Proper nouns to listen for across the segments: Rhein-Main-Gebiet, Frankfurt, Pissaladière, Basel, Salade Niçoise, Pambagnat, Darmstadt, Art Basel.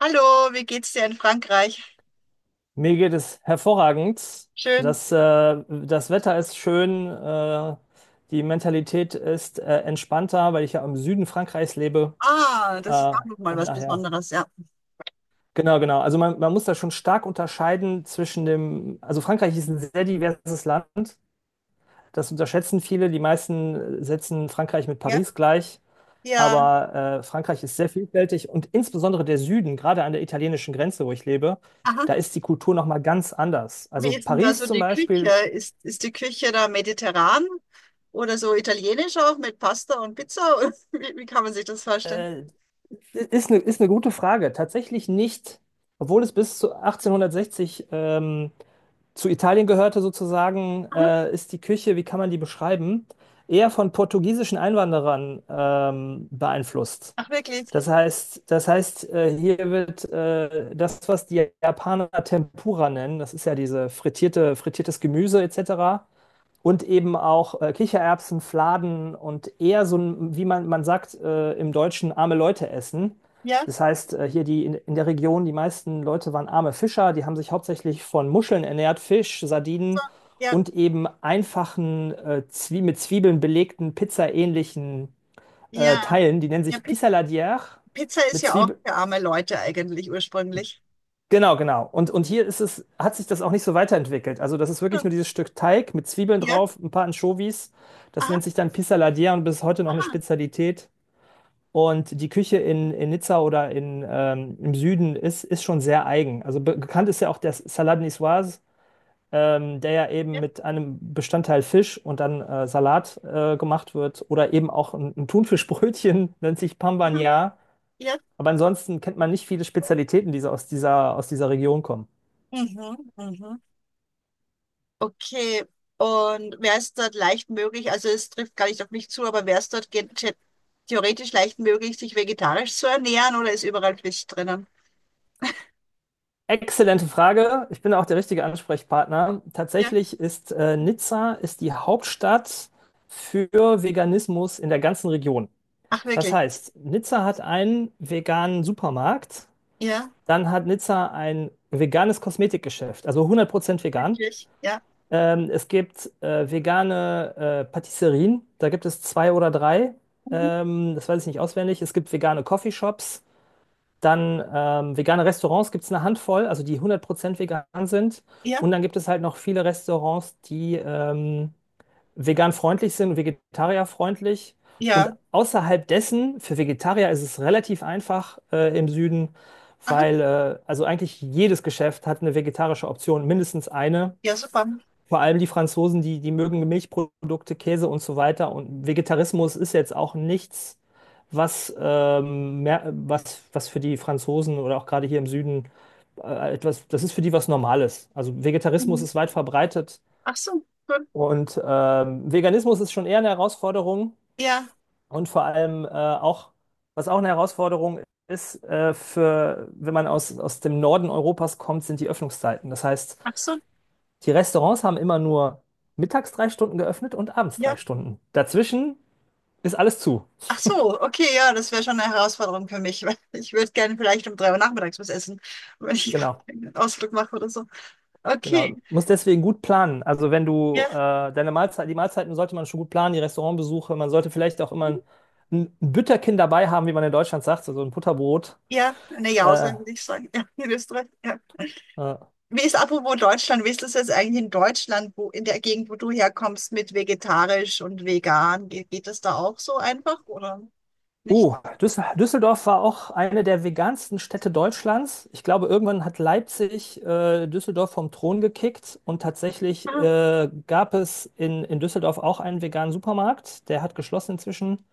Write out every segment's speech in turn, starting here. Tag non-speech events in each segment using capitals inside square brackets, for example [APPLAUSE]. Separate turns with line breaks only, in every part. Hallo, wie geht's dir in Frankreich?
Mir geht es hervorragend.
Schön.
Das Wetter ist schön, die Mentalität ist entspannter, weil ich ja im Süden Frankreichs lebe.
Ah, das ist
Äh,
auch nochmal
und
was
daher,
Besonderes, ja.
genau, genau. Also man muss da schon stark unterscheiden zwischen dem, also Frankreich ist ein sehr diverses Land. Das unterschätzen viele. Die meisten setzen Frankreich mit
Ja,
Paris gleich.
ja.
Aber Frankreich ist sehr vielfältig und insbesondere der Süden, gerade an der italienischen Grenze, wo ich lebe,
Aha.
da ist die Kultur nochmal ganz anders.
Wie
Also
ist denn da
Paris
so
zum
die Küche?
Beispiel
Ist die Küche da mediterran oder so italienisch auch mit Pasta und Pizza? [LAUGHS] Oder wie kann man sich das vorstellen?
äh, ist eine gute Frage. Tatsächlich nicht, obwohl es bis zu 1860 zu Italien gehörte sozusagen,
Aha.
ist die Küche, wie kann man die beschreiben, eher von portugiesischen Einwanderern beeinflusst.
Ach, wirklich?
Das heißt, hier wird das, was die Japaner Tempura nennen, das ist ja diese frittiertes Gemüse etc. Und eben auch Kichererbsen, Fladen und eher so ein, wie man sagt, im Deutschen arme Leute essen.
Ja,
Das heißt, hier die in der Region, die meisten Leute waren arme Fischer, die haben sich hauptsächlich von Muscheln ernährt, Fisch,
so,
Sardinen
ja,
und eben einfachen, Zwie mit Zwiebeln belegten, pizzaähnlichen
ja.
Teilen. Die nennen
Ja,
sich Pissaladière
Pizza ist
mit
ja auch
Zwiebel.
für arme Leute eigentlich ursprünglich.
Genau, genau. Und hier ist es, hat sich das auch nicht so weiterentwickelt. Also das ist wirklich nur dieses Stück Teig mit Zwiebeln
Ja,
drauf, ein paar Anchovies. Das
aha,
nennt sich dann Pissaladière und bis heute noch eine
aha.
Spezialität. Und die Küche in Nizza oder im Süden ist schon sehr eigen. Also be bekannt ist ja auch der Salade Niçoise, der ja eben
Ja,
mit einem Bestandteil Fisch und dann Salat gemacht wird. Oder eben auch ein Thunfischbrötchen, [LAUGHS] nennt sich
aha,
Pambagnat.
ja.
Aber ansonsten kennt man nicht viele Spezialitäten, die so aus dieser Region kommen.
Mhm, mhm. Okay, und wäre es dort leicht möglich, also es trifft gar nicht auf mich zu, aber wäre es dort theoretisch leicht möglich, sich vegetarisch zu ernähren oder ist überall Fisch drinnen?
Exzellente Frage. Ich bin auch der richtige Ansprechpartner.
Ja.
Tatsächlich ist Nizza ist die Hauptstadt für Veganismus in der ganzen Region.
Ach,
Das
wirklich?
heißt, Nizza hat einen veganen Supermarkt,
Ja,
dann hat Nizza ein veganes Kosmetikgeschäft, also 100% vegan.
wirklich? Ja.
Es gibt vegane Patisserien, da gibt es zwei oder drei.
Mhm.
Das weiß ich nicht auswendig. Es gibt vegane Coffeeshops. Dann vegane Restaurants gibt es eine Handvoll, also die 100% vegan sind.
Ja,
Und dann gibt es halt noch viele Restaurants, die vegan freundlich sind und vegetarierfreundlich. Und
ja.
außerhalb dessen, für Vegetarier ist es relativ einfach im Süden,
Aha,
weil also eigentlich jedes Geschäft hat eine vegetarische Option, mindestens eine.
ja, super.
Vor allem die Franzosen, die mögen Milchprodukte, Käse und so weiter. Und Vegetarismus ist jetzt auch nichts, was für die Franzosen oder auch gerade hier im Süden das ist für die was Normales. Also Vegetarismus
Mhm.
ist weit verbreitet
Ach so, gut.
und Veganismus ist schon eher eine Herausforderung
Ja,
und vor allem auch, was auch eine Herausforderung ist, wenn man aus dem Norden Europas kommt, sind die Öffnungszeiten. Das heißt,
ach so.
die Restaurants haben immer nur mittags 3 Stunden geöffnet und abends drei
Ja.
Stunden. Dazwischen ist alles zu.
Ach so, okay, ja, das wäre schon eine Herausforderung für mich, [LAUGHS] weil ich würde gerne vielleicht um 3 Uhr nachmittags was essen, wenn ich [LAUGHS]
Genau,
einen Ausflug mache oder so.
genau.
Okay,
Muss deswegen gut planen. Also wenn du
ja.
die Mahlzeiten sollte man schon gut planen, die Restaurantbesuche. Man sollte vielleicht auch immer ein Bütterchen dabei haben, wie man in Deutschland sagt, also ein Butterbrot.
Ja, eine Jause
Äh,
würde ich sagen. Ja, in Österreich. Ja.
äh,
Wie ist apropos Deutschland? Wie ist das jetzt eigentlich in Deutschland, wo in der Gegend, wo du herkommst, mit vegetarisch und vegan? Geht das da auch so einfach oder nicht?
Oh, Düsseldorf war auch eine der vegansten Städte Deutschlands. Ich glaube, irgendwann hat Leipzig Düsseldorf vom Thron gekickt und tatsächlich
Ah,
gab es in Düsseldorf auch einen veganen Supermarkt. Der hat geschlossen inzwischen.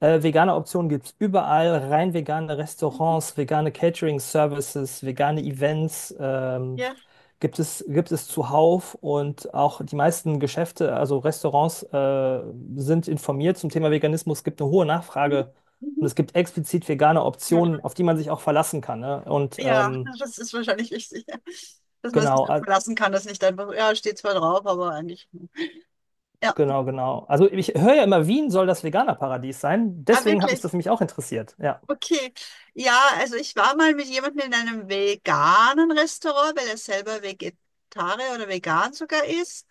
Vegane Optionen gibt es überall, rein vegane Restaurants, vegane Catering-Services, vegane Events
ja.
gibt es zuhauf und auch die meisten Geschäfte, also Restaurants, sind informiert zum Thema Veganismus. Es gibt eine hohe Nachfrage und
Mhm.
es gibt explizit vegane
Ja,
Optionen, auf die man sich auch verlassen kann. Ne? Und
ja, das ist wahrscheinlich wichtig, ja. Dass man sich
genau,
darauf
äh,
verlassen kann, dass nicht einfach, ja, steht zwar drauf, aber eigentlich. Hm. Ja,
genau, genau. Also ich höre ja immer, Wien soll das Veganer-Paradies sein.
ah,
Deswegen hat mich das
wirklich.
nämlich auch interessiert. Ja.
Okay, ja, also ich war mal mit jemandem in einem veganen Restaurant, weil er selber Vegetarier oder vegan sogar ist.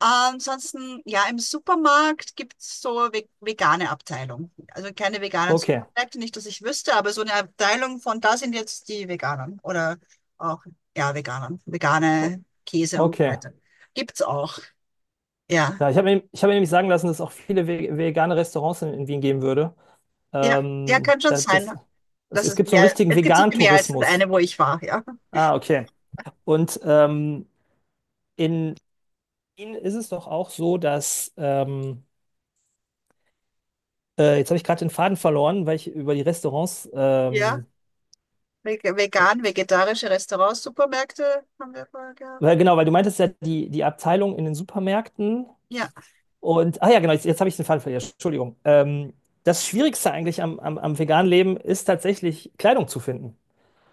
Ansonsten, ja, im Supermarkt gibt es so ve vegane Abteilung. Also keine veganen
Okay,
Supermärkte, nicht, dass ich wüsste, aber so eine Abteilung von da sind jetzt die Veganen oder auch, ja, Veganern,
O-
vegane Käse und so
okay.
weiter. Gibt's auch, ja.
Ja, ich hab mir nämlich sagen lassen, dass es auch viele vegane Restaurants in Wien geben würde.
Ja, ja,
Ähm,
kann schon
da-
sein,
das, es,
dass
es
es
gibt so einen
mehr,
richtigen
es gibt sicher mehr als das
Vegan-Tourismus.
eine, wo ich war, ja.
Ah, okay. Und in Wien ist es doch auch so, dass jetzt habe ich gerade den Faden verloren, weil ich über die Restaurants,
Ja. Vegan, vegetarische Restaurants, Supermärkte haben wir vorher gehabt.
weil du meintest ja, die Abteilung in den Supermärkten.
Ja,
Und, ah ja, genau, jetzt habe ich den Faden verloren. Entschuldigung. Das Schwierigste eigentlich am veganen Leben ist tatsächlich Kleidung zu finden.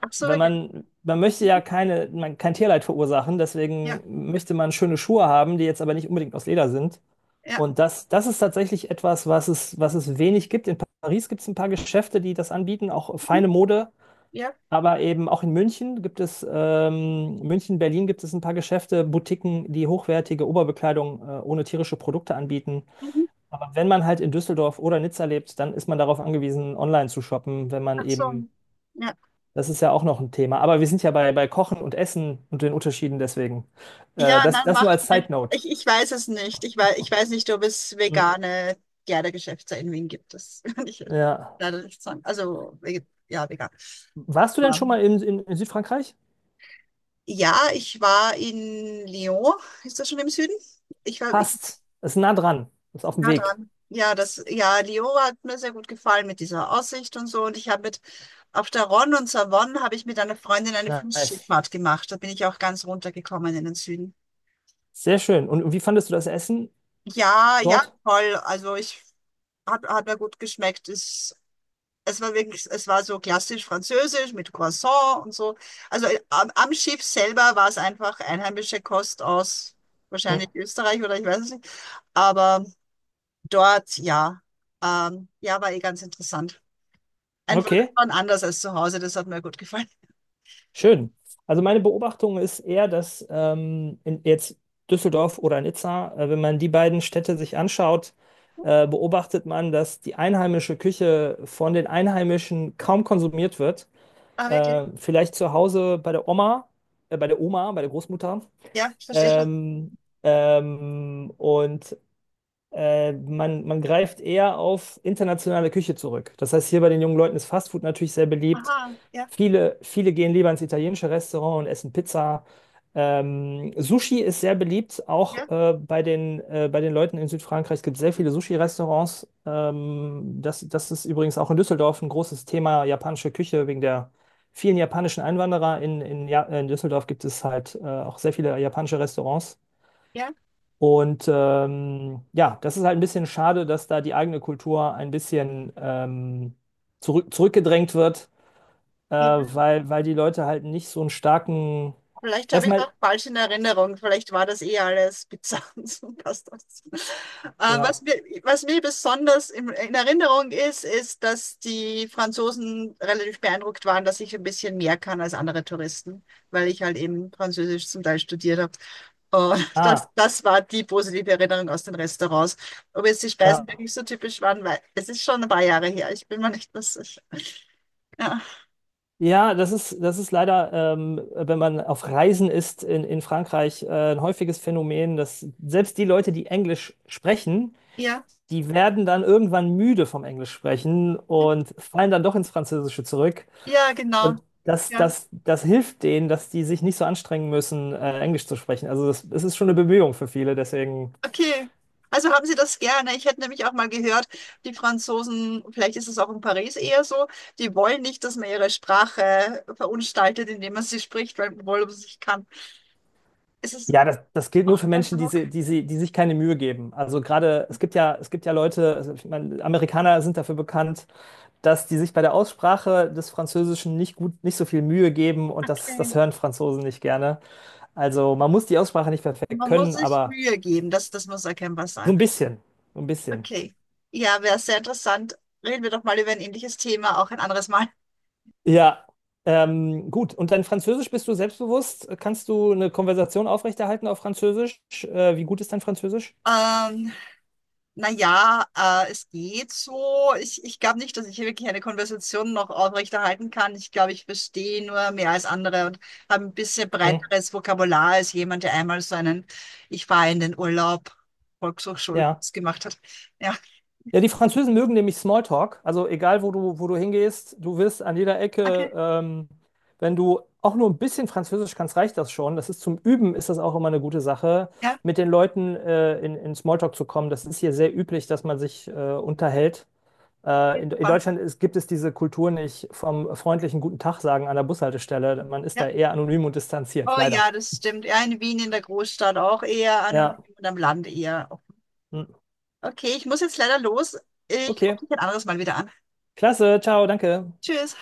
ach so,
Wenn
vegan.
man möchte ja
Mhm.
kein Tierleid verursachen,
Ja,
deswegen möchte man schöne Schuhe haben, die jetzt aber nicht unbedingt aus Leder sind.
ja.
Und das ist tatsächlich etwas, was es wenig gibt. In Paris gibt es ein paar Geschäfte, die das anbieten, auch
Mhm.
feine Mode.
Ja.
Aber eben auch in München gibt es, München, Berlin gibt es ein paar Geschäfte, Boutiquen, die hochwertige Oberbekleidung, ohne tierische Produkte anbieten.
Mhm.
Aber wenn man halt in Düsseldorf oder Nizza lebt, dann ist man darauf angewiesen, online zu shoppen, wenn man
Ach so.
eben,
Ja,
das ist ja auch noch ein Thema. Aber wir sind ja bei Kochen und Essen und den Unterschieden deswegen.
ja,
Das,
nein,
das nur
macht
als Side
nichts.
Note.
Ich weiß es nicht. Ich weiß nicht, ob es
Hm.
vegane Kleidergeschäfte in Wien gibt. Das [LAUGHS] kann ich
Ja.
leider nicht sagen. Also, ja, vegan.
Warst du denn schon
Ähm,
mal in Südfrankreich?
Ja, ich war in Lyon. Ist das schon im Süden? Ich war, ich
Passt. Ist nah dran. Ist auf dem
ja
Weg.
dran. Ja, das, ja, Lio hat mir sehr gut gefallen mit dieser Aussicht und so. Und ich habe mit Auf der Ron und Savon habe ich mit einer Freundin eine
Nice.
Flussschifffahrt gemacht. Da bin ich auch ganz runtergekommen in den Süden.
Sehr schön. Und wie fandest du das Essen
Ja, ja,
dort?
toll. Also hat mir gut geschmeckt. Es war so klassisch französisch mit Croissant und so. Also am Schiff selber war es einfach einheimische Kost aus
Hm.
wahrscheinlich Österreich oder ich weiß es nicht. Aber dort, ja, ja, war eh ganz interessant. Einfach
Okay.
und anders als zu Hause, das hat mir gut gefallen.
Schön. Also meine Beobachtung ist eher, dass jetzt Düsseldorf oder Nizza, wenn man die beiden Städte sich anschaut, beobachtet man, dass die einheimische Küche von den Einheimischen kaum konsumiert wird.
Ah, wirklich?
Vielleicht zu Hause bei der Oma, bei der Oma, bei der Großmutter.
Ja, ich verstehe schon.
Ähm, und man greift eher auf internationale Küche zurück. Das heißt, hier bei den jungen Leuten ist Fastfood natürlich sehr beliebt.
Aha, ja,
Viele gehen lieber ins italienische Restaurant und essen Pizza. Sushi ist sehr beliebt,
ja,
auch bei den Leuten in Südfrankreich. Es gibt sehr viele Sushi-Restaurants. Das ist übrigens auch in Düsseldorf ein großes Thema, japanische Küche, wegen der vielen japanischen Einwanderer. In, ja, in Düsseldorf gibt es halt auch sehr viele japanische Restaurants.
ja.
Und ja, das ist halt ein bisschen schade, dass da die eigene Kultur ein bisschen zurückgedrängt wird,
Ja.
weil die Leute halt nicht so einen starken.
Vielleicht habe ich
Erstmal,
auch falsch in Erinnerung. Vielleicht war das eh alles Pizza [LAUGHS] und so passt das. Äh, was
ja.
mir, was mir besonders in Erinnerung ist, ist, dass die Franzosen relativ beeindruckt waren, dass ich ein bisschen mehr kann als andere Touristen, weil ich halt eben Französisch zum Teil studiert habe. Und [LAUGHS] das,
Ah,
das war die positive Erinnerung aus den Restaurants. Ob jetzt die Speisen
ja.
wirklich so typisch waren, weil es ist schon ein paar Jahre her. Ich bin mir nicht mehr sicher. Ja,
Ja, das ist leider, wenn man auf Reisen ist in Frankreich, ein häufiges Phänomen, dass selbst die Leute, die Englisch sprechen,
ja,
die werden dann irgendwann müde vom Englisch sprechen und fallen dann doch ins Französische zurück.
ja, genau.
Und das,
Ja.
das, das hilft denen, dass die sich nicht so anstrengen müssen, Englisch zu sprechen. Also das ist schon eine Bemühung für viele. Deswegen,
Okay. Also haben Sie das gerne. Ich hätte nämlich auch mal gehört, die Franzosen, vielleicht ist es auch in Paris eher so, die wollen nicht, dass man ihre Sprache verunstaltet, indem man sie spricht, weil obwohl man sie nicht kann. Ist es
ja, das gilt nur
auch
für
dein
Menschen, die,
Eindruck?
sie, die, sie, die sich keine Mühe geben. Also gerade, es gibt ja Leute, also ich meine, Amerikaner sind dafür bekannt, dass die sich bei der Aussprache des Französischen nicht gut, nicht so viel Mühe geben und das
Okay.
hören Franzosen nicht gerne. Also man muss die Aussprache nicht perfekt
Man muss
können,
sich
aber
Mühe geben, das muss erkennbar
so
sein.
ein bisschen, so ein bisschen.
Okay. Ja, wäre sehr interessant. Reden wir doch mal über ein ähnliches Thema, auch ein anderes Mal.
Ja, gut. Und dein Französisch bist du selbstbewusst? Kannst du eine Konversation aufrechterhalten auf Französisch? Wie gut ist dein Französisch?
Ähm, Naja, es geht so. Ich glaube nicht, dass ich wirklich eine Konversation noch aufrechterhalten kann. Ich glaube, ich verstehe nur mehr als andere und habe ein bisschen
Mhm.
breiteres Vokabular als jemand, der einmal so einen Ich fahre in den Urlaub
Ja.
Volkshochschulkurs gemacht hat. Ja,
Ja, die Französen mögen nämlich Smalltalk. Also egal, wo du hingehst, du wirst an jeder Ecke,
okay.
wenn du auch nur ein bisschen Französisch kannst, reicht das schon. Das ist zum Üben, ist das auch immer eine gute Sache,
Ja,
mit den Leuten in Smalltalk zu kommen. Das ist hier sehr üblich, dass man sich unterhält. In
super.
Deutschland gibt es diese Kultur nicht vom freundlichen Guten Tag sagen an der Bushaltestelle. Man ist
Ja.
da eher anonym und distanziert,
Oh
leider.
ja, das stimmt. Ja, in Wien in der Großstadt auch eher
Ja,
anonym und am Land eher offen.
hm.
Okay, ich muss jetzt leider los. Ich rufe
Okay.
dich ein anderes Mal wieder an.
Klasse, ciao, danke.
Tschüss.